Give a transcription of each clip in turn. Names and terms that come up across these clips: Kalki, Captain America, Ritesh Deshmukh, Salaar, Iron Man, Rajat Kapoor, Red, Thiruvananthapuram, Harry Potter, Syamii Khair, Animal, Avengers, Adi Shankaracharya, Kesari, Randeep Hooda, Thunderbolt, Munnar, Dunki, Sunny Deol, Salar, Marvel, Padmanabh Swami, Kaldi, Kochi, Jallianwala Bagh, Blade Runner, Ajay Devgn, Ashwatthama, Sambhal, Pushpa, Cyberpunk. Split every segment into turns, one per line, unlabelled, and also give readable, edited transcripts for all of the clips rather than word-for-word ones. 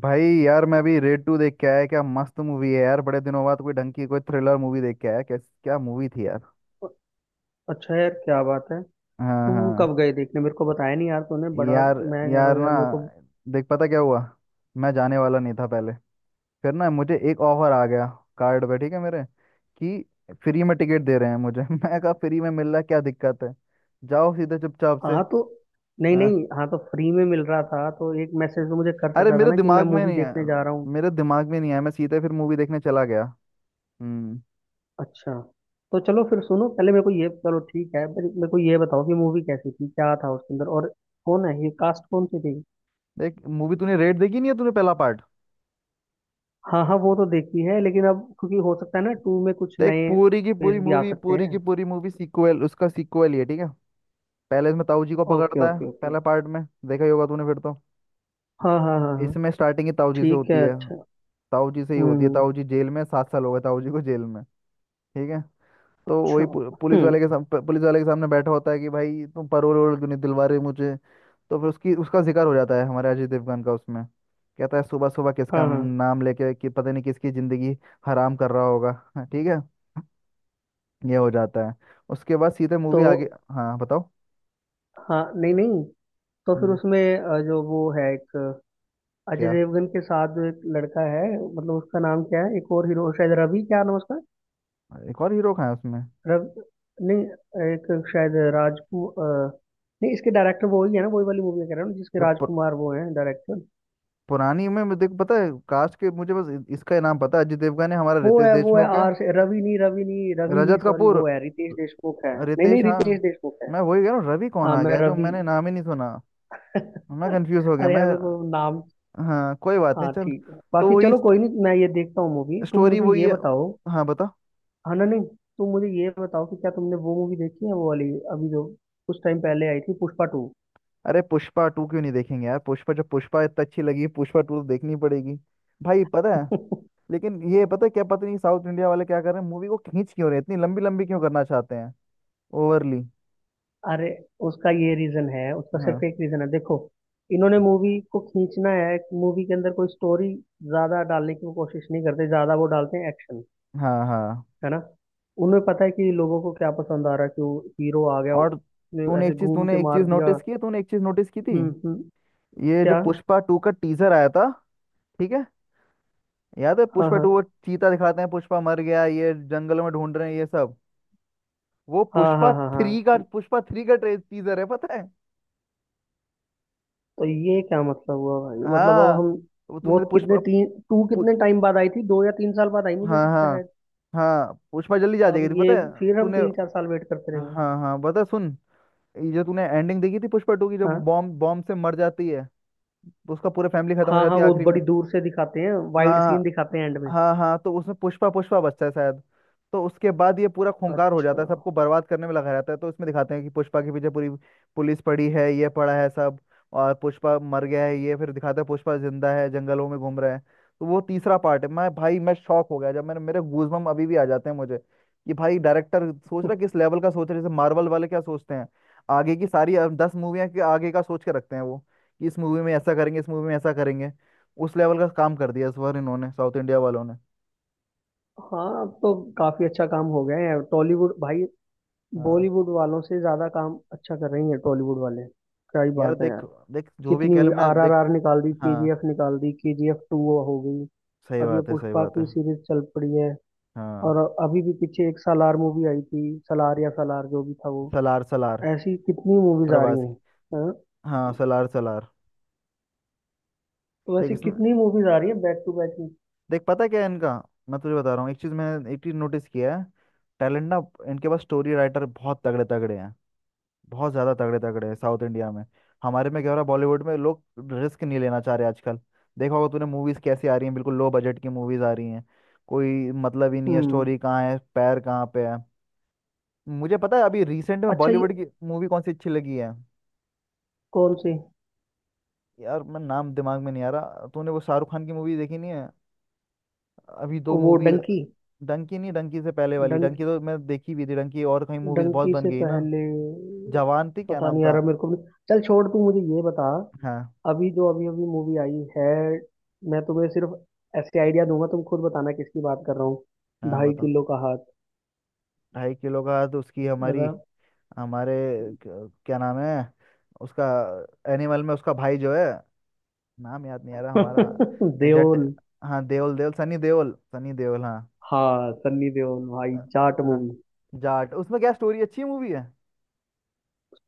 भाई यार मैं भी रेड टू देख के आया। क्या मस्त मूवी है यार। बड़े दिनों बाद कोई ढंग की कोई थ्रिलर मूवी देख के आया। क्या क्या मूवी थी यार।
अच्छा यार, क्या बात है।
हाँ,
तुम
हाँ।
कब गए देखने? मेरे को बताया नहीं यार तूने। बड़ा
यार,
मैं कह रहा
यार
हूँ
ना,
यार मेरे को।
देख, पता क्या हुआ। मैं जाने वाला नहीं था पहले। फिर ना मुझे एक ऑफर आ गया, कार्ड पे, ठीक है मेरे, कि फ्री में टिकट दे रहे हैं मुझे। मैं कहा फ्री में मिल रहा है, क्या दिक्कत है, जाओ सीधे चुपचाप से।
हाँ तो नहीं
हाँ।
नहीं, हाँ तो फ्री में मिल रहा था तो एक मैसेज तो मुझे कर
अरे
सकता था
मेरे
ना कि मैं
दिमाग में
मूवी
नहीं आया।
देखने जा रहा हूँ।
मेरे दिमाग में नहीं आया, मैं सीधे फिर मूवी देखने चला गया। हम्म।
अच्छा, तो चलो फिर सुनो। पहले मेरे को ये चलो ठीक है, पर मेरे को ये बताओ कि मूवी कैसी थी, क्या था उसके अंदर, और कौन है ये, कास्ट कौन सी थी।
देख, मूवी तूने रेड देखी नहीं है तूने, पहला पार्ट?
हाँ हाँ, वो तो देखी है, लेकिन अब क्योंकि हो सकता है ना, टू में कुछ
तो एक
नए
पूरी की
फेस
पूरी
भी आ
मूवी
सकते
पूरी की
हैं।
पूरी मूवी सीक्वल, उसका सीक्वल ही है, ठीक है। पहले इसमें ताऊ जी को
ओके
पकड़ता है,
ओके ओके।
पहला पार्ट में देखा ही होगा तूने, फिर तो
हाँ हाँ हाँ हाँ।
इसमें स्टार्टिंग ही ताऊ जी से
ठीक
होती
है,
है।
अच्छा।
ताऊ जी से ही होती है।
हम्म।
ताऊ जी जेल में, 7 साल हो गए ताऊ जी को जेल में, ठीक है। तो
अच्छा।
वही पुलिस
हम्म।
वाले के पुलिस वाले के सामने बैठा होता है कि भाई तुम परोल वरोल क्यों नहीं दिलवा रहे मुझे। तो फिर उसकी उसका जिक्र हो जाता है हमारे अजय देवगन का उसमें। कहता है सुबह सुबह किसका
हाँ हाँ।
नाम लेके, कि पता नहीं किसकी जिंदगी हराम कर रहा होगा। ठीक है, ये हो जाता है। उसके बाद सीधे
तो
मूवी आगे। हाँ बताओ।
हाँ नहीं नहीं, तो फिर
हम्म,
उसमें जो वो है एक, अजय
क्या,
देवगन के साथ जो एक लड़का है, मतलब उसका नाम क्या है, एक और हीरो शायद रवि, क्या नाम है उसका?
एक और हीरो का है उसमें?
रवि नहीं, एक, शायद नहीं, इसके डायरेक्टर वो ही है ना, वही वाली मूवी कह रहा हूँ जिसके
जो पु,
राजकुमार वो है डायरेक्टर।
पुरानी में मुझे, देख पता है कास्ट के, मुझे बस इसका ही नाम पता है, अजय देवगन है, हमारा रितेश
वो है
देशमुख है,
आर से, रवि नहीं, रवि नहीं, रवि नहीं,
रजत
सॉरी,
कपूर।
वो है रितेश देशमुख है, नहीं नहीं
रितेश, हाँ।
रितेश देशमुख है।
मैं वही कह रहा हूँ, रवि कौन
हाँ
आ
मैं
गया जो
रवि
मैंने नाम ही नहीं सुना। मैं कंफ्यूज हो गया
अरे
मैं।
यार मेरे को नाम।
हाँ कोई बात नहीं,
हाँ
चल।
ठीक है
तो
बाकी,
वही
चलो कोई नहीं, मैं ये देखता हूँ मूवी। तुम
स्टोरी
मुझे
वही
ये
है।
बताओ।
हाँ बता।
हाँ ना नहीं, तुम मुझे ये बताओ कि क्या तुमने वो मूवी देखी है, वो वाली, अभी जो कुछ टाइम पहले आई थी, पुष्पा टू।
अरे पुष्पा टू क्यों नहीं देखेंगे यार, पुष्पा जब पुष्पा इतना अच्छी लगी, पुष्पा टू तो देखनी पड़ेगी। भाई पता है, लेकिन ये पता है, क्या पता नहीं साउथ इंडिया वाले क्या कर रहे हैं, मूवी को खींच क्यों रहे हैं, इतनी लंबी लंबी क्यों करना चाहते हैं ओवरली।
अरे उसका ये रीजन है, उसका
हाँ,
सिर्फ एक रीजन है, देखो, इन्होंने मूवी को खींचना है। मूवी के अंदर कोई स्टोरी ज्यादा डालने की वो कोशिश नहीं करते, ज्यादा वो डालते हैं एक्शन,
हाँ, हाँ।
है ना। उन्हें पता है कि लोगों को क्या पसंद आ रहा है, कि वो हीरो आ गया,
और
उसने ऐसे घूम के
तूने एक
मार
चीज
दिया।
नोटिस की है तूने एक चीज नोटिस की थी,
हम्म।
ये जो
क्या।
पुष्पा टू का टीजर आया था, ठीक है। याद है
हाँ
पुष्पा
हाँ
टू, वो चीता दिखाते हैं, पुष्पा मर गया, ये जंगलों में ढूंढ रहे हैं, ये सब। वो
हाँ हाँ हाँ हाँ।
पुष्पा थ्री का ट्रे टीजर है, पता है।
तो ये क्या मतलब हुआ भाई, मतलब अब
हाँ,
हम,
वो
वो
तूने पुष्पा
कितने, तीन, टू
पुष,
कितने टाइम बाद आई थी, दो या तीन साल बाद आई मुझे
हाँ
लगता है
हाँ
शायद।
हाँ। पुष्पा जल्दी जा
अब
जाएगी थी, पता
ये
है
फिर हम
तूने?
तीन चार साल वेट करते रहेंगे।
हाँ हाँ बता सुन, ये जो तूने एंडिंग देखी थी पुष्पा टू की, जो
हाँ
बॉम्ब बॉम्ब से मर जाती है, तो उसका पूरा फैमिली खत्म हो
हाँ। हाँ
जाती है
वो
आखिरी में।
बड़ी दूर से दिखाते हैं, वाइड सीन
हाँ
दिखाते हैं एंड में।
हाँ। हाँ, तो उसमें पुष्पा पुष्पा बचता है शायद। तो उसके बाद ये पूरा खूंखार हो
अच्छा।
जाता है, सबको बर्बाद करने में लगा रहता है। तो इसमें दिखाते हैं कि पुष्पा के पीछे पूरी पुलिस पड़ी है, ये पड़ा है, सब। और पुष्पा मर गया है, ये फिर दिखाते हैं पुष्पा जिंदा है, जंगलों में घूम रहा है। तो वो तीसरा पार्ट है। मैं, भाई, मैं शॉक हो गया जब मैंने, मेरे गूजबम्प अभी भी आ जाते हैं मुझे, कि भाई डायरेक्टर सोच रहा किस लेवल का, सोच रहे जैसे मार्वल वाले क्या सोचते हैं, आगे की सारी 10 मूवियां के आगे का सोच के रखते हैं वो, कि इस मूवी में ऐसा करेंगे, इस मूवी में ऐसा करेंगे। उस लेवल का काम कर दिया इस बार इन्होंने, साउथ इंडिया वालों ने।
हाँ अब तो काफी अच्छा काम हो गया है टॉलीवुड भाई।
हाँ
बॉलीवुड वालों से ज्यादा काम अच्छा कर रही है टॉलीवुड वाले। क्या ही
यार
बात है यार।
देख, जो भी
कितनी,
कह ले, मैं
आर आर
देख।
आर निकाल दी, के जी
हाँ
एफ निकाल दी, के जी एफ टू हो गई।
सही
अब ये
बात है, सही
पुष्पा
बात है।
की सीरीज चल पड़ी है।
हाँ
और अभी भी पीछे एक सालार मूवी आई थी, सालार या सालार जो भी था वो।
सलार, सलार।
ऐसी कितनी मूवीज आ रही
प्रवासी।
हैं। हाँ?
हाँ सलार सलार।
तो
देख
ऐसी
इसमें,
कितनी मूवीज आ रही है बैक टू बैक में।
देख पता है क्या है इनका, मैं तुझे बता रहा हूँ, एक चीज़ नोटिस किया है। टैलेंट ना, इनके पास स्टोरी राइटर बहुत तगड़े तगड़े हैं, बहुत ज़्यादा तगड़े तगड़े हैं साउथ इंडिया में। हमारे में क्या हो रहा है, बॉलीवुड में लोग रिस्क नहीं लेना चाह रहे आजकल। देखा होगा तूने मूवीज़ कैसी आ रही हैं, बिल्कुल लो बजट की मूवीज़ आ रही हैं, कोई मतलब ही नहीं है,
हम्म।
स्टोरी कहाँ है, पैर कहाँ पे है। मुझे पता है अभी रिसेंट में
अच्छा ये,
बॉलीवुड की मूवी कौन सी अच्छी लगी है।
कौन से?
यार मैं नाम दिमाग में नहीं आ रहा, तूने वो शाहरुख खान की मूवी देखी नहीं है? अभी दो
वो
मूवी।
डंकी,
डंकी नहीं, डंकी से पहले वाली।
डंक
डंकी तो मैं देखी भी थी, डंकी और कहीं मूवीज बहुत
डंकी
बन
से
गई है ना।
पहले।
जवान थी, क्या
पता
नाम
नहीं
था?
यार मेरे को भी। चल छोड़, तू मुझे ये बता,
हाँ
अभी जो अभी अभी मूवी आई है, मैं तुम्हें सिर्फ ऐसे आइडिया दूंगा, तुम खुद बताना किसकी बात कर रहा हूँ।
हाँ
ढाई
बता।
किलो का हाथ।
ढाई किलो का, तो उसकी
बता।
हमारी, हमारे, क्या नाम है उसका? एनिमल में उसका भाई जो है, नाम याद नहीं आ रहा, हमारा जट।
देओल।
हाँ, देओल देओल, सनी देओल, सनी देओल, हाँ।
हाँ सन्नी देओल भाई,
अ-
जाट
अ,
मूवी।
जाट उसमें क्या स्टोरी? अच्छी मूवी है?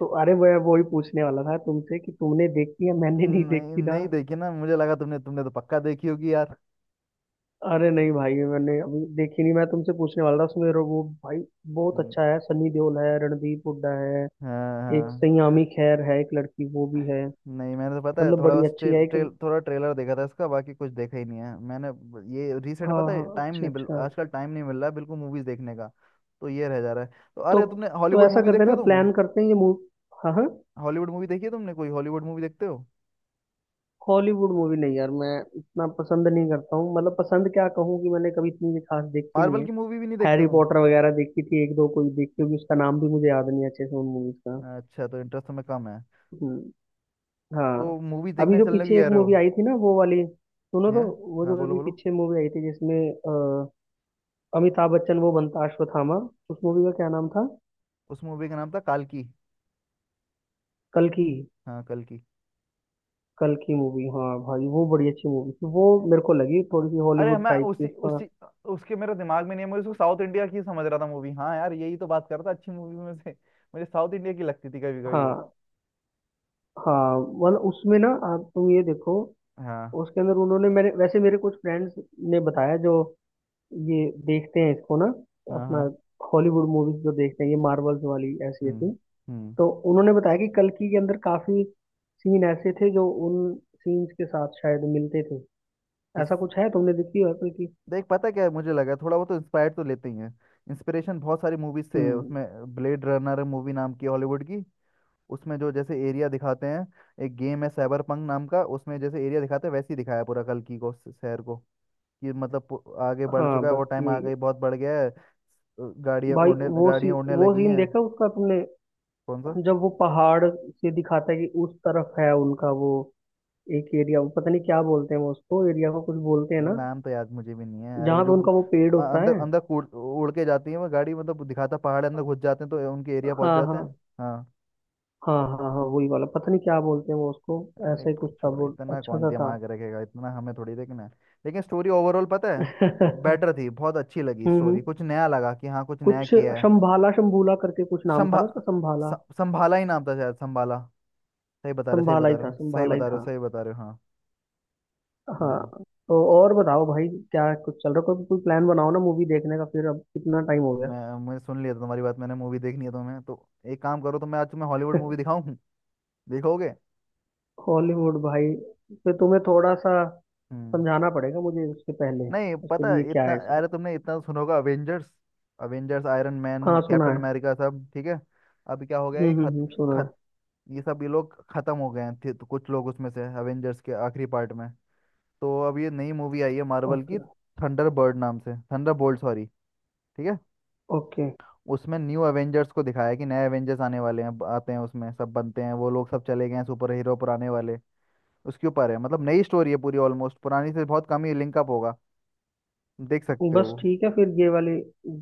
तो अरे मैं वही पूछने वाला था तुमसे कि तुमने देखी है, मैंने नहीं
नहीं,
देखी ना।
नहीं देखी ना, मुझे लगा तुमने तुमने तो पक्का देखी होगी यार।
अरे नहीं भाई मैंने अभी देखी नहीं, मैं तुमसे पूछने वाला था। उसमें वो भाई बहुत
हम्म,
अच्छा है, सनी देओल है, रणदीप हुड्डा है।
हाँ
एक
हाँ।
सयामी खैर है, एक लड़की वो भी है।
नहीं मैंने तो पता है
मतलब
थोड़ा
बड़ी
बस
अच्छी है
ट्रेल,
एक।
ट्रेल थोड़ा ट्रेलर देखा था इसका, बाकी कुछ देखा ही नहीं है मैंने। ये रिसेंट,
हाँ
पता
हाँ
है टाइम
अच्छा
नहीं मिल
अच्छा।
आजकल टाइम नहीं मिल रहा है बिल्कुल मूवीज देखने का, तो ये रह जा रहा है। तो
तो
अरे तुमने
तो
हॉलीवुड
ऐसा
मूवी
करते हैं
देखते हो
ना,
तुम,
प्लान करते हैं ये मूवी। हाँ हाँ।
हॉलीवुड मूवी देखी है तुमने, कोई हॉलीवुड मूवी देखते हो?
हॉलीवुड मूवी नहीं यार मैं इतना पसंद नहीं करता हूँ, मतलब पसंद क्या कहूँ कि मैंने कभी इतनी भी खास देखी नहीं
मार्वल
है।
की मूवी भी नहीं देखते
हैरी
तुम?
पॉटर वगैरह देखी थी, एक दो कोई देखी होगी, उसका नाम भी मुझे याद नहीं है अच्छे से, उन मूवीज का।
अच्छा तो इंटरेस्ट में कम है?
हम्म।
तो
हाँ।
मूवी
अभी
देखने
जो
चलने की
पीछे एक
कह रहे हो?
मूवी आई थी ना, वो वाली सुनो
हैं?
तो। वो
हाँ
जो
बोलो
अभी
बोलो।
पीछे मूवी आई थी, जिसमें अमिताभ बच्चन वो बनता अश्वत्थामा, उस मूवी का क्या नाम था।
उस मूवी का नाम था काल्की।
कल की,
हाँ कल्कि।
कल की मूवी, हाँ भाई वो बड़ी अच्छी मूवी थी वो। मेरे को लगी थोड़ी सी
अरे
हॉलीवुड
मैं
टाइप की
उसी
उसका।
उसी उसके मेरे दिमाग में नहीं है, मैं उसको साउथ इंडिया की समझ रहा था मूवी। हाँ यार यही तो बात कर रहा था अच्छी मूवी में से, मुझे साउथ इंडिया की लगती थी कभी कभी वो।
हाँ हाँ, मतलब उसमें ना, आप तुम ये देखो,
हाँ
उसके अंदर उन्होंने, मेरे वैसे मेरे कुछ फ्रेंड्स ने बताया, जो ये देखते हैं इसको ना,
हाँ
अपना
हाँ।
हॉलीवुड मूवीज जो देखते हैं, ये मार्वल्स वाली ऐसी
हम्म
ऐसी,
हम्म।
तो उन्होंने बताया कि कल्कि के अंदर काफी सीन ऐसे थे जो उन सीन्स के साथ शायद मिलते थे।
इस,
ऐसा कुछ है? तुमने देखी है कल्कि?
देख पता क्या है, मुझे लगा थोड़ा बहुत तो इंस्पायर तो लेते ही हैं, इंस्पिरेशन बहुत सारी मूवीज से है
हम्म।
उसमें। ब्लेड रनर मूवी नाम की, हॉलीवुड की। उसमें जो जैसे एरिया दिखाते हैं, एक गेम है साइबर पंक नाम का, उसमें जैसे एरिया दिखाते हैं, वैसे ही दिखाया है पूरा कल्कि को, शहर को। कि मतलब आगे बढ़
हाँ
चुका है वो,
बस
टाइम
यही है।
आगे बहुत बढ़ गया है,
भाई
गाड़ियाँ उड़ने
वो
लगी
सीन
हैं।
देखा उसका तुमने,
कौन सा?
जब वो पहाड़ से दिखाता है कि उस तरफ है उनका वो, एक एरिया, वो पता नहीं क्या बोलते हैं वो उसको, एरिया को कुछ बोलते हैं ना,
नाम तो याद मुझे भी नहीं है। अरे वो
जहाँ पे
जो
उनका वो पेड़ होता
अंदर
है।
अंदर उड़ उड़ के जाती है वो गाड़ी, मतलब दिखाता पहाड़ अंदर घुस जाते हैं तो उनके एरिया पहुंच
हाँ
जाते
हाँ।
हैं। हाँ।
हाँ हाँ हाँ वही वाला, पता नहीं क्या बोलते हैं वो उसको।
अरे
ऐसा ही कुछ था,
छोड़ो,
वो
इतना
अच्छा
कौन
सा था।
दिमाग रखेगा इतना, हमें थोड़ी देखना है। लेकिन स्टोरी ओवरऑल पता है बेटर थी, बहुत अच्छी लगी
हम्म हम्म।
स्टोरी, कुछ नया लगा, कि हाँ कुछ नया
कुछ
किया है।
शंभाला शंभूला करके कुछ नाम था
संभा
ना उसका, संभाला।
संभाला ही नाम था शायद, संभाला। सही
संभाला
बता
ही
रहे
था,
हो, सही
संभाला ही
बता रहे हो,
था।
सही बता रहे हो, हाँ।
हाँ।
हम्म।
तो और बताओ भाई, क्या कुछ चल रहा है? कोई कोई प्लान बनाओ ना मूवी देखने का फिर, अब कितना टाइम हो गया।
मैं मैं सुन लिया था तुम्हारी बात, मैंने मूवी देखनी है तुम्हें तो। एक काम करो, तो मैं आज तुम्हें हॉलीवुड मूवी दिखाऊं, देखोगे?
हॉलीवुड भाई, फिर तुम्हें थोड़ा सा
हम्म।
समझाना पड़ेगा मुझे उसके पहले।
नहीं
उसके
पता
लिए
है,
क्या
इतना,
है सर।
अरे तुमने इतना तो सुना होगा, अवेंजर्स। अवेंजर्स, आयरन मैन,
हाँ सुना
कैप्टन
है।
अमेरिका, सब ठीक है। अभी क्या हो गया, ये
हुँ, हुँ,
खत
हुँ, सुना है।
खत ये सब ये लोग खत्म हो गए हैं, तो कुछ लोग उसमें से, अवेंजर्स के आखिरी पार्ट में। तो अब ये नई मूवी आई है मार्वल की,
ओके,
थंडर बर्ड नाम से, थंडर बोल्ट सॉरी, ठीक है।
ओके।
उसमें न्यू एवेंजर्स को दिखाया है, कि नए एवेंजर्स आने वाले हैं, आते हैं उसमें, सब बनते हैं वो लोग, सब चले गए हैं सुपर हीरो पुराने वाले, उसके ऊपर है। मतलब नई स्टोरी है पूरी, ऑलमोस्ट पुरानी से बहुत कम ही लिंकअप होगा, देख सकते
बस
हो।
ठीक है फिर ये वाली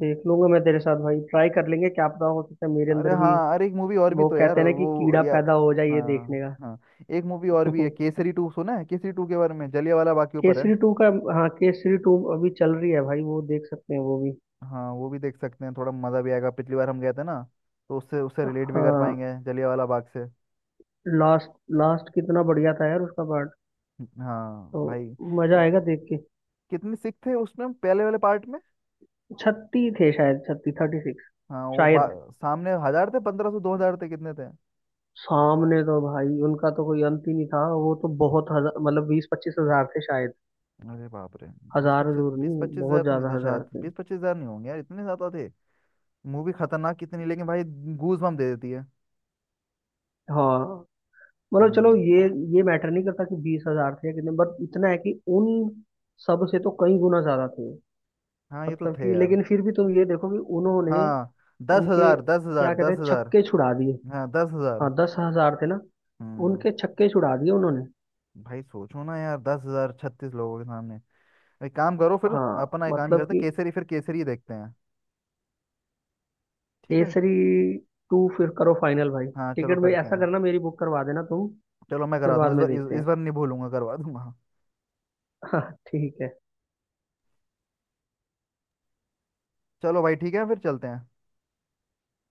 देख लूँगा मैं तेरे साथ भाई, ट्राई कर लेंगे, क्या पता हो सकता है मेरे
अरे
अंदर भी
हाँ, अरे एक मूवी और भी
वो
तो यार
कहते हैं ना कि
वो,
कीड़ा
यार
पैदा हो जाए ये देखने
हाँ
का।
हाँ, एक मूवी और भी है केसरी टू, सुना है केसरी टू के बारे में? जलियांवाला बाग के ऊपर है।
केसरी 2 का? हाँ, केसरी 2 अभी चल रही है भाई, वो देख सकते हैं वो भी।
हाँ वो भी देख सकते हैं, थोड़ा मज़ा भी आएगा, पिछली बार हम गए थे ना, तो उससे उससे रिलेट भी कर
हाँ,
पाएंगे जलियांवाला बाग से।
लास्ट, लास्ट कितना बढ़िया था यार उसका पार्ट,
हाँ
तो
भाई।
मजा आएगा
वो-
देख के।
कितने सिख थे उसमें पहले वाले पार्ट में?
36 थे शायद, 36, 36
हाँ
शायद।
सामने हजार थे, 1,500, 2 हजार थे, कितने थे?
सामने तो भाई उनका तो कोई अंत ही नहीं था, वो तो बहुत हज़ा मतलब 20-25 हज़ार थे शायद।
अरे बाप रे। बीस
हजार
पच्चीस
जरूर
बीस
नहीं,
पच्चीस हजार
बहुत
तो नहीं
ज्यादा
थे
हजार
शायद,
थे।
20-25 हजार नहीं होंगे यार, इतने ज्यादा थे। मूवी खतरनाक कितनी, लेकिन भाई, गूज बम्प दे देती है।
हाँ मतलब चलो
हम्म।
ये मैटर नहीं करता कि बीस हजार थे या कितने, बट इतना है कि उन सब से तो कई गुना ज्यादा थे।
हाँ ये तो
मतलब
थे
कि
यार।
लेकिन फिर भी तुम ये देखो कि उन्होंने
हाँ दस
उनके
हजार दस
क्या
हजार
कहते
दस
हैं,
हजार
छक्के छुड़ा दिए।
हाँ दस हजार।
हाँ दस हजार थे ना।
हम्म।
उनके छक्के छुड़ा दिए उन्होंने।
भाई सोचो ना यार, 10 हजार 36 लोगों के सामने। एक काम करो फिर,
हाँ
अपना, एक काम ही
मतलब
करते हैं
कि,
केसरी, फिर केसरी ही देखते हैं, ठीक है।
केसरी टू फिर करो फाइनल भाई।
हाँ चलो
टिकट में
करते
ऐसा
हैं।
करना मेरी बुक करवा देना तुम।
चलो मैं
फिर
करा दूंगा,
बाद
इस
में
बार इस,
देखते
इस
हैं।
बार नहीं भूलूंगा, करवा दूंगा।
हाँ, ठीक है
चलो भाई ठीक है फिर चलते हैं।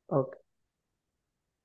okay।